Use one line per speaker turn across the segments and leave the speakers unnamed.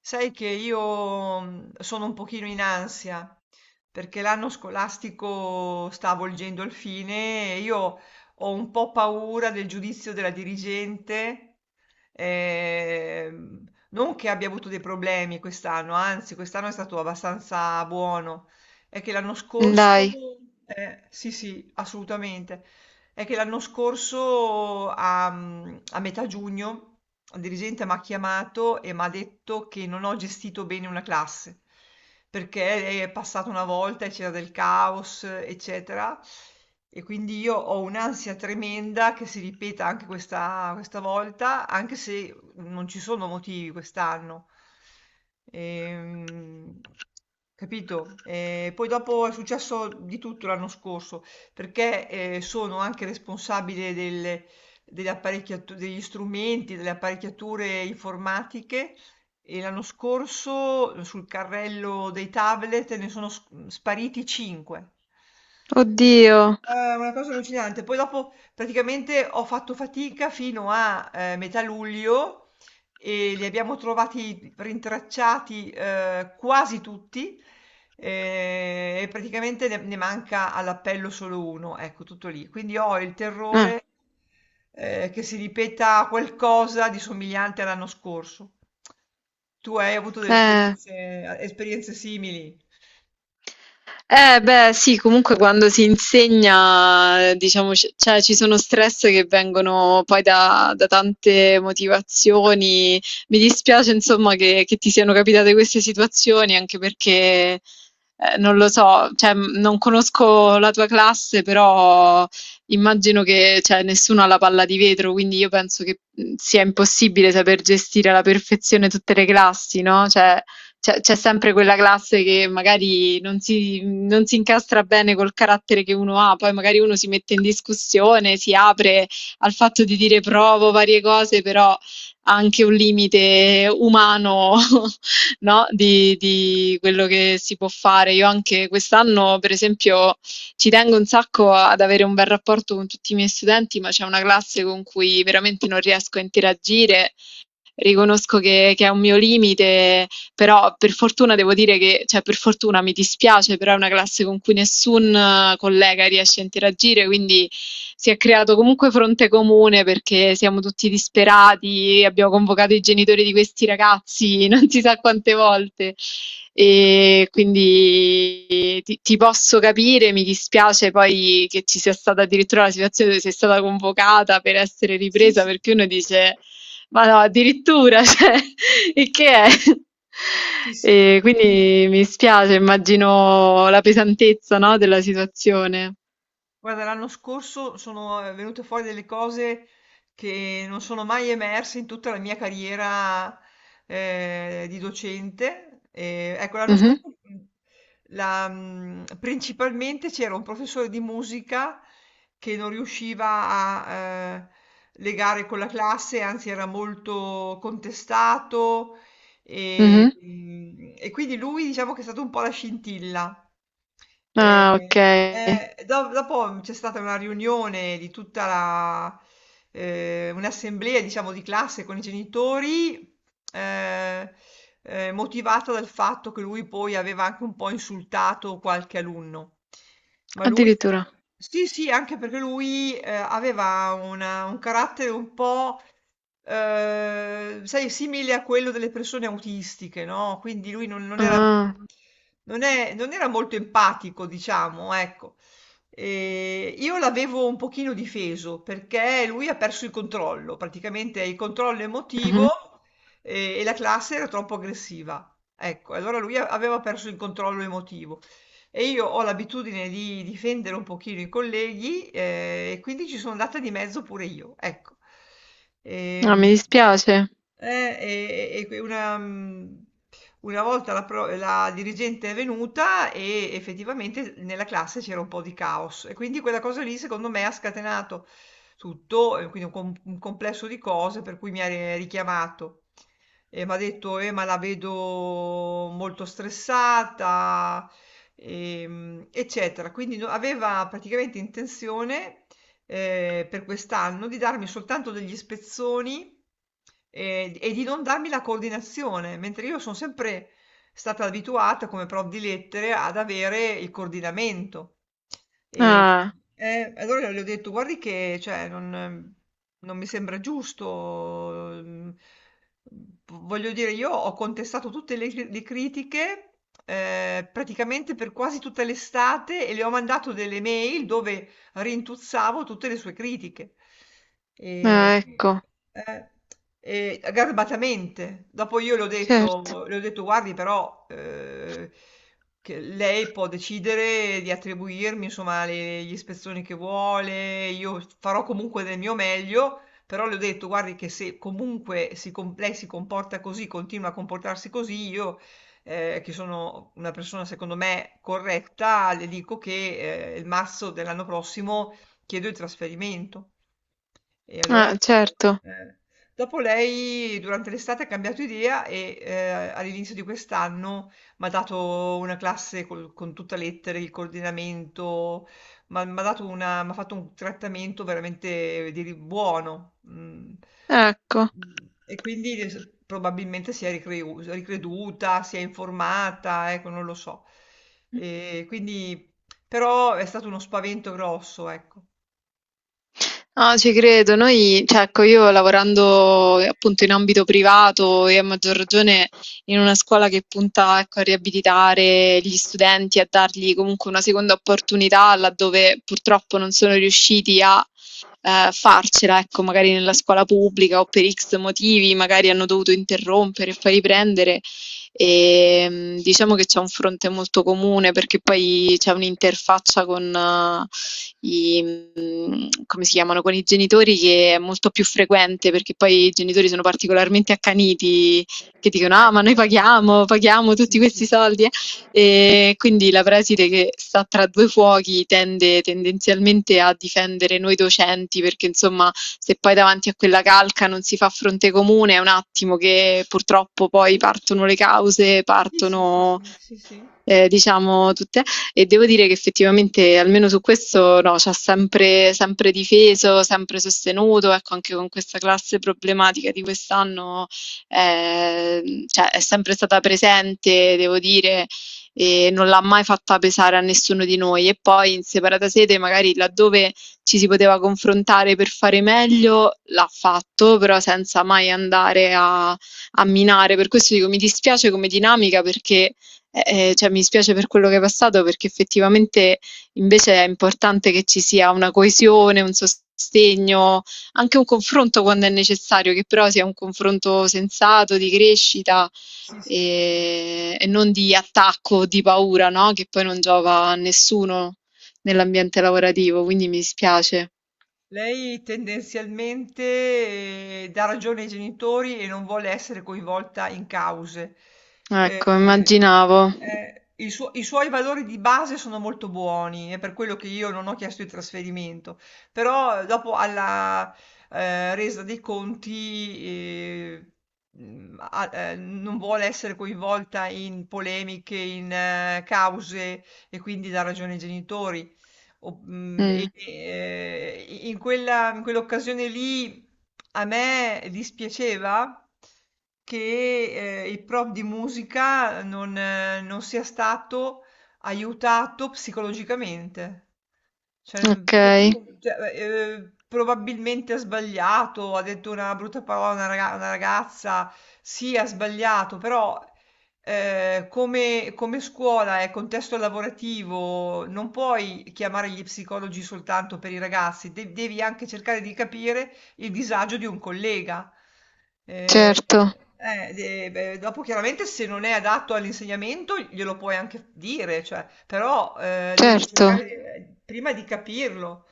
Sai che io sono un pochino in ansia perché l'anno scolastico sta avvolgendo il fine e io ho un po' paura del giudizio della dirigente, ehm, non che abbia avuto dei problemi quest'anno, anzi quest'anno è stato abbastanza buono, è che l'anno scorso,
Dai,
sì, sì, assolutamente, è che l'anno scorso a, a metà giugno il dirigente mi ha chiamato e mi ha detto che non ho gestito bene una classe perché è passata una volta e c'era del caos, eccetera. E quindi io ho un'ansia tremenda che si ripeta anche questa volta, anche se non ci sono motivi quest'anno. Ehm, Capito? E poi dopo è successo di tutto l'anno scorso perché, sono anche responsabile delle apparecchiatu degli strumenti, delle apparecchiature informatiche e l'anno scorso sul carrello dei tablet ne sono spariti 5.
oddio.
È una cosa allucinante. Poi dopo praticamente ho fatto fatica fino a, metà luglio e li abbiamo trovati rintracciati quasi tutti e praticamente ne manca all'appello solo uno, ecco tutto lì. Quindi ho il
Eh,
terrore che si ripeta qualcosa di somigliante all'anno scorso. Tu hai avuto delle
eh.
esperienze, esperienze simili?
Beh, sì, comunque quando si insegna, diciamo, cioè, ci sono stress che vengono poi da tante motivazioni. Mi dispiace, insomma, che ti siano capitate queste situazioni, anche perché, non lo so, cioè, non conosco la tua classe, però immagino che, cioè, nessuno ha la palla di vetro, quindi io penso che sia impossibile saper gestire alla perfezione tutte le classi, no? Cioè, c'è sempre quella classe che magari non si incastra bene col carattere che uno ha, poi magari uno si mette in discussione, si apre al fatto di dire provo varie cose, però ha anche un limite umano, no, di quello che si può fare. Io anche quest'anno, per esempio, ci tengo un sacco ad avere un bel rapporto con tutti i miei studenti, ma c'è una classe con cui veramente non riesco a interagire. Riconosco che è un mio limite, però per fortuna devo dire che, cioè per fortuna mi dispiace, però è una classe con cui nessun collega riesce a interagire, quindi si è creato comunque fronte comune perché siamo tutti disperati, abbiamo convocato i genitori di questi ragazzi non si sa quante volte. E quindi ti posso capire, mi dispiace poi che ci sia stata addirittura la situazione dove sei stata convocata per essere
Sì,
ripresa,
sì,
perché uno dice ma no, addirittura, cioè, il che è?
sì, sì.
E quindi mi spiace, immagino la pesantezza, no, della situazione.
Guarda, l'anno scorso sono venute fuori delle cose che non sono mai emerse in tutta la mia carriera di docente. E, ecco, l'anno
Mhm,
scorso principalmente c'era un professore di musica che non riusciva a eh, legare con la classe, anzi era molto contestato, e,
mhm.
e quindi lui diciamo che è stato un po' la scintilla.
Ah, ok.
Eh, dopo c'è stata una riunione di un'assemblea, diciamo, di classe con i genitori, eh, motivata dal fatto che lui poi aveva anche un po' insultato qualche alunno. Ma lui,
Addirittura.
sì, sì, anche perché lui aveva un carattere un po', sai, simile a quello delle persone autistiche, no? Quindi lui non era,
Ah,
non era molto empatico, diciamo, ecco. E io l'avevo un pochino difeso perché lui ha perso il controllo, praticamente il controllo
mhm.
emotivo e la classe era troppo aggressiva. Ecco, allora lui aveva perso il controllo emotivo. E io ho l'abitudine di difendere un pochino i colleghi, e quindi ci sono andata di mezzo pure io, ecco.
Ah,
Ehm
mi dispiace.
e que una una volta la dirigente è venuta e effettivamente nella classe c'era un po' di caos e quindi quella cosa lì secondo me ha scatenato tutto, e quindi un complesso di cose per cui mi ha ri richiamato e m'ha detto: ma la vedo molto stressata, eccetera". Quindi aveva praticamente intenzione per quest'anno di darmi soltanto degli spezzoni e di non darmi la coordinazione, mentre io sono sempre stata abituata come prof di lettere ad avere il coordinamento. E,
Ah,
allora le ho detto, guardi che cioè, non mi sembra giusto. Voglio dire, io ho contestato tutte le critiche praticamente per quasi tutta l'estate e le ho mandato delle mail dove rintuzzavo tutte le sue critiche.
ah,
E,
ecco,
eh, e garbatamente. Dopo io
certo.
le ho detto, guardi, però che lei può decidere di attribuirmi, insomma, gli ispezioni che vuole, io farò comunque del mio meglio. Però le ho detto, guardi, che se comunque lei si comporta così, continua a comportarsi così, io che sono una persona secondo me corretta, le dico che il marzo dell'anno prossimo chiedo il trasferimento. E allora,
Ah, certo,
eh, dopo lei durante l'estate ha cambiato idea e all'inizio di quest'anno mi ha dato una classe con tutta lettere, il coordinamento, ma mi ha dato m'ha fatto un trattamento veramente buono. Mm.
ecco.
E quindi probabilmente si è ricreduta, si è informata, ecco, non lo so. E quindi, però è stato uno spavento grosso, ecco.
No, ci credo. Noi, cioè, ecco, io lavorando appunto in ambito privato e a maggior ragione in una scuola che punta, ecco, a riabilitare gli studenti, a dargli comunque una seconda opportunità laddove purtroppo non sono riusciti a farcela, ecco, magari nella scuola pubblica o per X motivi, magari hanno dovuto interrompere e poi riprendere. Diciamo che c'è un fronte molto comune perché poi c'è un'interfaccia con come si chiamano, con i genitori che è molto più frequente perché poi i genitori sono particolarmente accaniti che dicono:
Ah,
"Ah, ma noi
immagino.
paghiamo, paghiamo tutti
Sì,
questi
sì.
soldi, eh". E quindi la preside che sta tra 2 fuochi tendenzialmente a difendere noi docenti perché insomma se poi davanti a quella calca non si fa fronte comune è un attimo che purtroppo poi partono le cause,
Sì, sì, sì,
partono
sì, sì, sì.
diciamo tutte. E devo dire che effettivamente almeno su questo no, c'ha sempre sempre difeso, sempre sostenuto, ecco anche con questa classe problematica di quest'anno, cioè è sempre stata presente, devo dire, e non l'ha mai fatta pesare a nessuno di noi. E poi in separata sede, magari laddove ci si poteva confrontare per fare meglio, l'ha fatto, però senza mai andare a minare. Per questo dico mi dispiace come dinamica perché cioè mi spiace per quello che è passato perché effettivamente invece è importante che ci sia una coesione, un sostegno, anche un confronto quando è necessario, che però sia un confronto sensato, di
Sì,
crescita
sì, sì.
e non di attacco, di paura, no? Che poi non giova a nessuno nell'ambiente lavorativo, quindi mi dispiace.
Lei tendenzialmente dà ragione ai genitori e non vuole essere coinvolta in cause.
Ecco,
Eh,
immaginavo.
i suoi valori di base sono molto buoni, è per quello che io non ho chiesto il trasferimento, però dopo alla resa dei conti non vuole essere coinvolta in polemiche, in cause e quindi dà ragione ai genitori. O- mm, e-
Mm,
e- in in quell'occasione lì a me dispiaceva che il prof di musica non sia stato aiutato psicologicamente. Cioè,
ok,
che tu, cioè, probabilmente ha sbagliato, ha detto una brutta parola a una, una ragazza, sì, ha sbagliato, però come scuola e contesto lavorativo non puoi chiamare gli psicologi soltanto per i ragazzi, devi anche cercare di capire il disagio di un collega.
certo,
Beh, dopo chiaramente se non è adatto all'insegnamento glielo puoi anche dire, cioè, però devi
certo.
cercare prima di capirlo.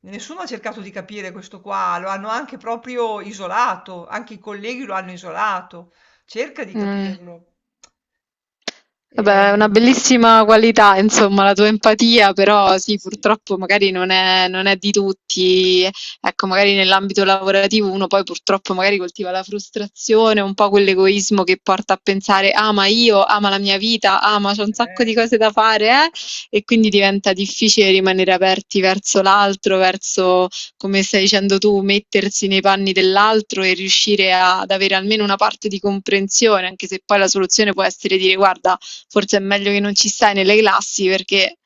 Nessuno ha cercato di capire questo qua, lo hanno anche proprio isolato, anche i colleghi lo hanno isolato. Cerca di
Mm.
capirlo. E-
Vabbè, è una bellissima qualità, insomma, la tua empatia, però sì,
sì,
purtroppo magari non è di tutti. Ecco, magari nell'ambito lavorativo uno poi purtroppo magari coltiva la frustrazione, un po' quell'egoismo che porta a pensare, ah, ma io, ah, ma la mia vita, ah, ma c'ho un sacco di
eh,
cose da fare, eh? E quindi diventa difficile rimanere aperti verso l'altro, come stai dicendo tu, mettersi nei panni dell'altro e riuscire ad avere almeno una parte di comprensione, anche se poi la soluzione può essere dire, guarda, forse è meglio che non ci stai nelle classi perché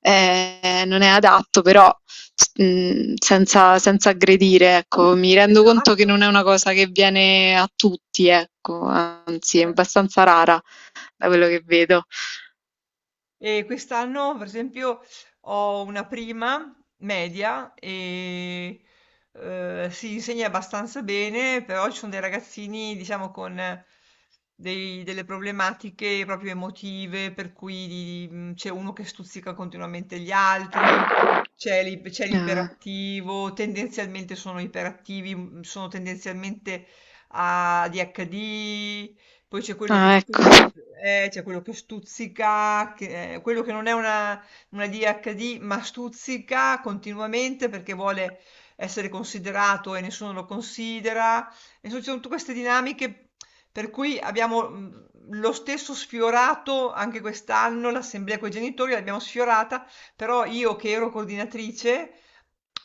non è adatto, però senza aggredire, ecco, mi rendo conto che
esatto.
non è una cosa che viene a tutti, ecco, anzi è
Eh.
abbastanza rara da quello che vedo.
E quest'anno, per esempio, ho una prima media e si insegna abbastanza bene, però ci sono dei ragazzini, diciamo, con delle problematiche proprio emotive, per cui c'è uno che stuzzica continuamente gli altri, c'è
Ah,
l'iperattivo, tendenzialmente sono iperattivi, sono tendenzialmente ah, a ADHD, poi c'è quello che
ah, ecco,
c'è quello che stuzzica, quello che non è una DHD, ma stuzzica continuamente perché vuole essere considerato e nessuno lo considera. E ci sono tutte queste dinamiche per cui abbiamo lo stesso sfiorato anche quest'anno l'assemblea con i genitori, l'abbiamo sfiorata, però io che ero coordinatrice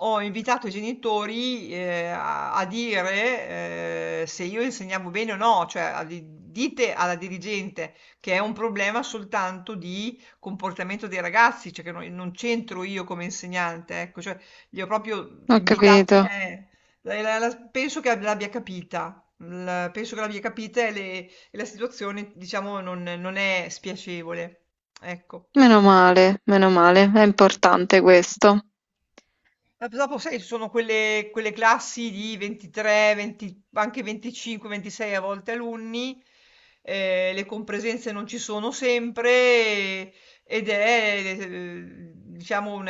ho invitato i genitori, a dire, se io insegnavo bene o no, cioè a di dite alla dirigente che è un problema soltanto di comportamento dei ragazzi, cioè che non c'entro io come insegnante, ecco, cioè li ho proprio Ah,
ho
invitati
capito.
la penso che l'abbia capita. L penso che l'abbia capita e le e la situazione diciamo non è spiacevole, ecco.
Meno male, è importante questo.
Ma p dopo sai, ci sono quelle classi di 23, 20 anche 25, 26 a volte alunni, le compresenze non ci sono sempre ed è, diciamo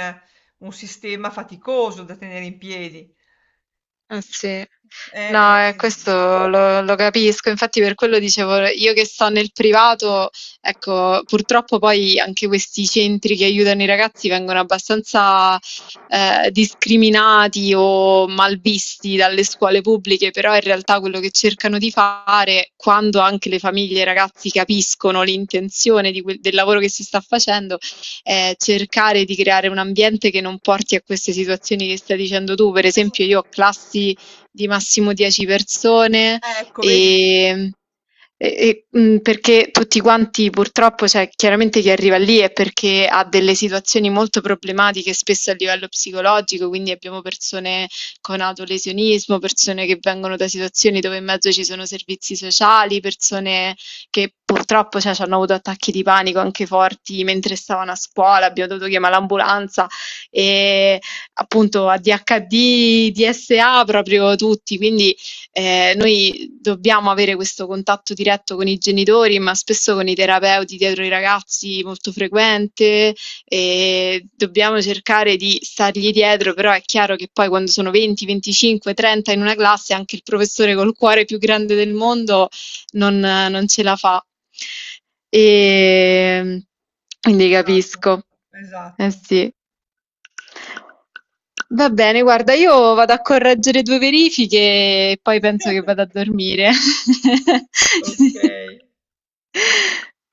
un sistema faticoso da tenere in piedi.
Eh sì, no,
Eh.
questo lo capisco, infatti per quello dicevo io che sto nel privato, ecco, purtroppo poi anche questi centri che aiutano i ragazzi vengono abbastanza discriminati o malvisti dalle scuole pubbliche, però in realtà quello che cercano di fare, quando anche le famiglie e i ragazzi capiscono l'intenzione di del lavoro che si sta facendo, cercare di creare un ambiente che non porti a queste situazioni che stai dicendo tu. Per
Eh,
esempio, io ho classi di massimo 10 persone
ecco vedi?
e perché tutti quanti purtroppo, cioè, chiaramente chi arriva lì è perché ha delle situazioni molto problematiche, spesso a livello psicologico, quindi abbiamo persone con autolesionismo, persone che vengono da situazioni dove in mezzo ci sono servizi sociali, persone che purtroppo, cioè, c'hanno avuto attacchi di panico anche forti mentre stavano a scuola, abbiamo dovuto chiamare l'ambulanza e appunto ADHD, DSA proprio tutti, quindi noi dobbiamo avere questo contatto diretto con i genitori, ma spesso con i terapeuti dietro i ragazzi molto frequente e dobbiamo cercare di stargli dietro, però è chiaro che poi quando sono 20, 25, 30 in una classe anche il professore col cuore più grande del mondo non ce la fa. E quindi
Esatto,
capisco. Eh
esatto.
sì. Va bene, guarda, io vado a correggere due verifiche e poi penso che vado a dormire.
Okay.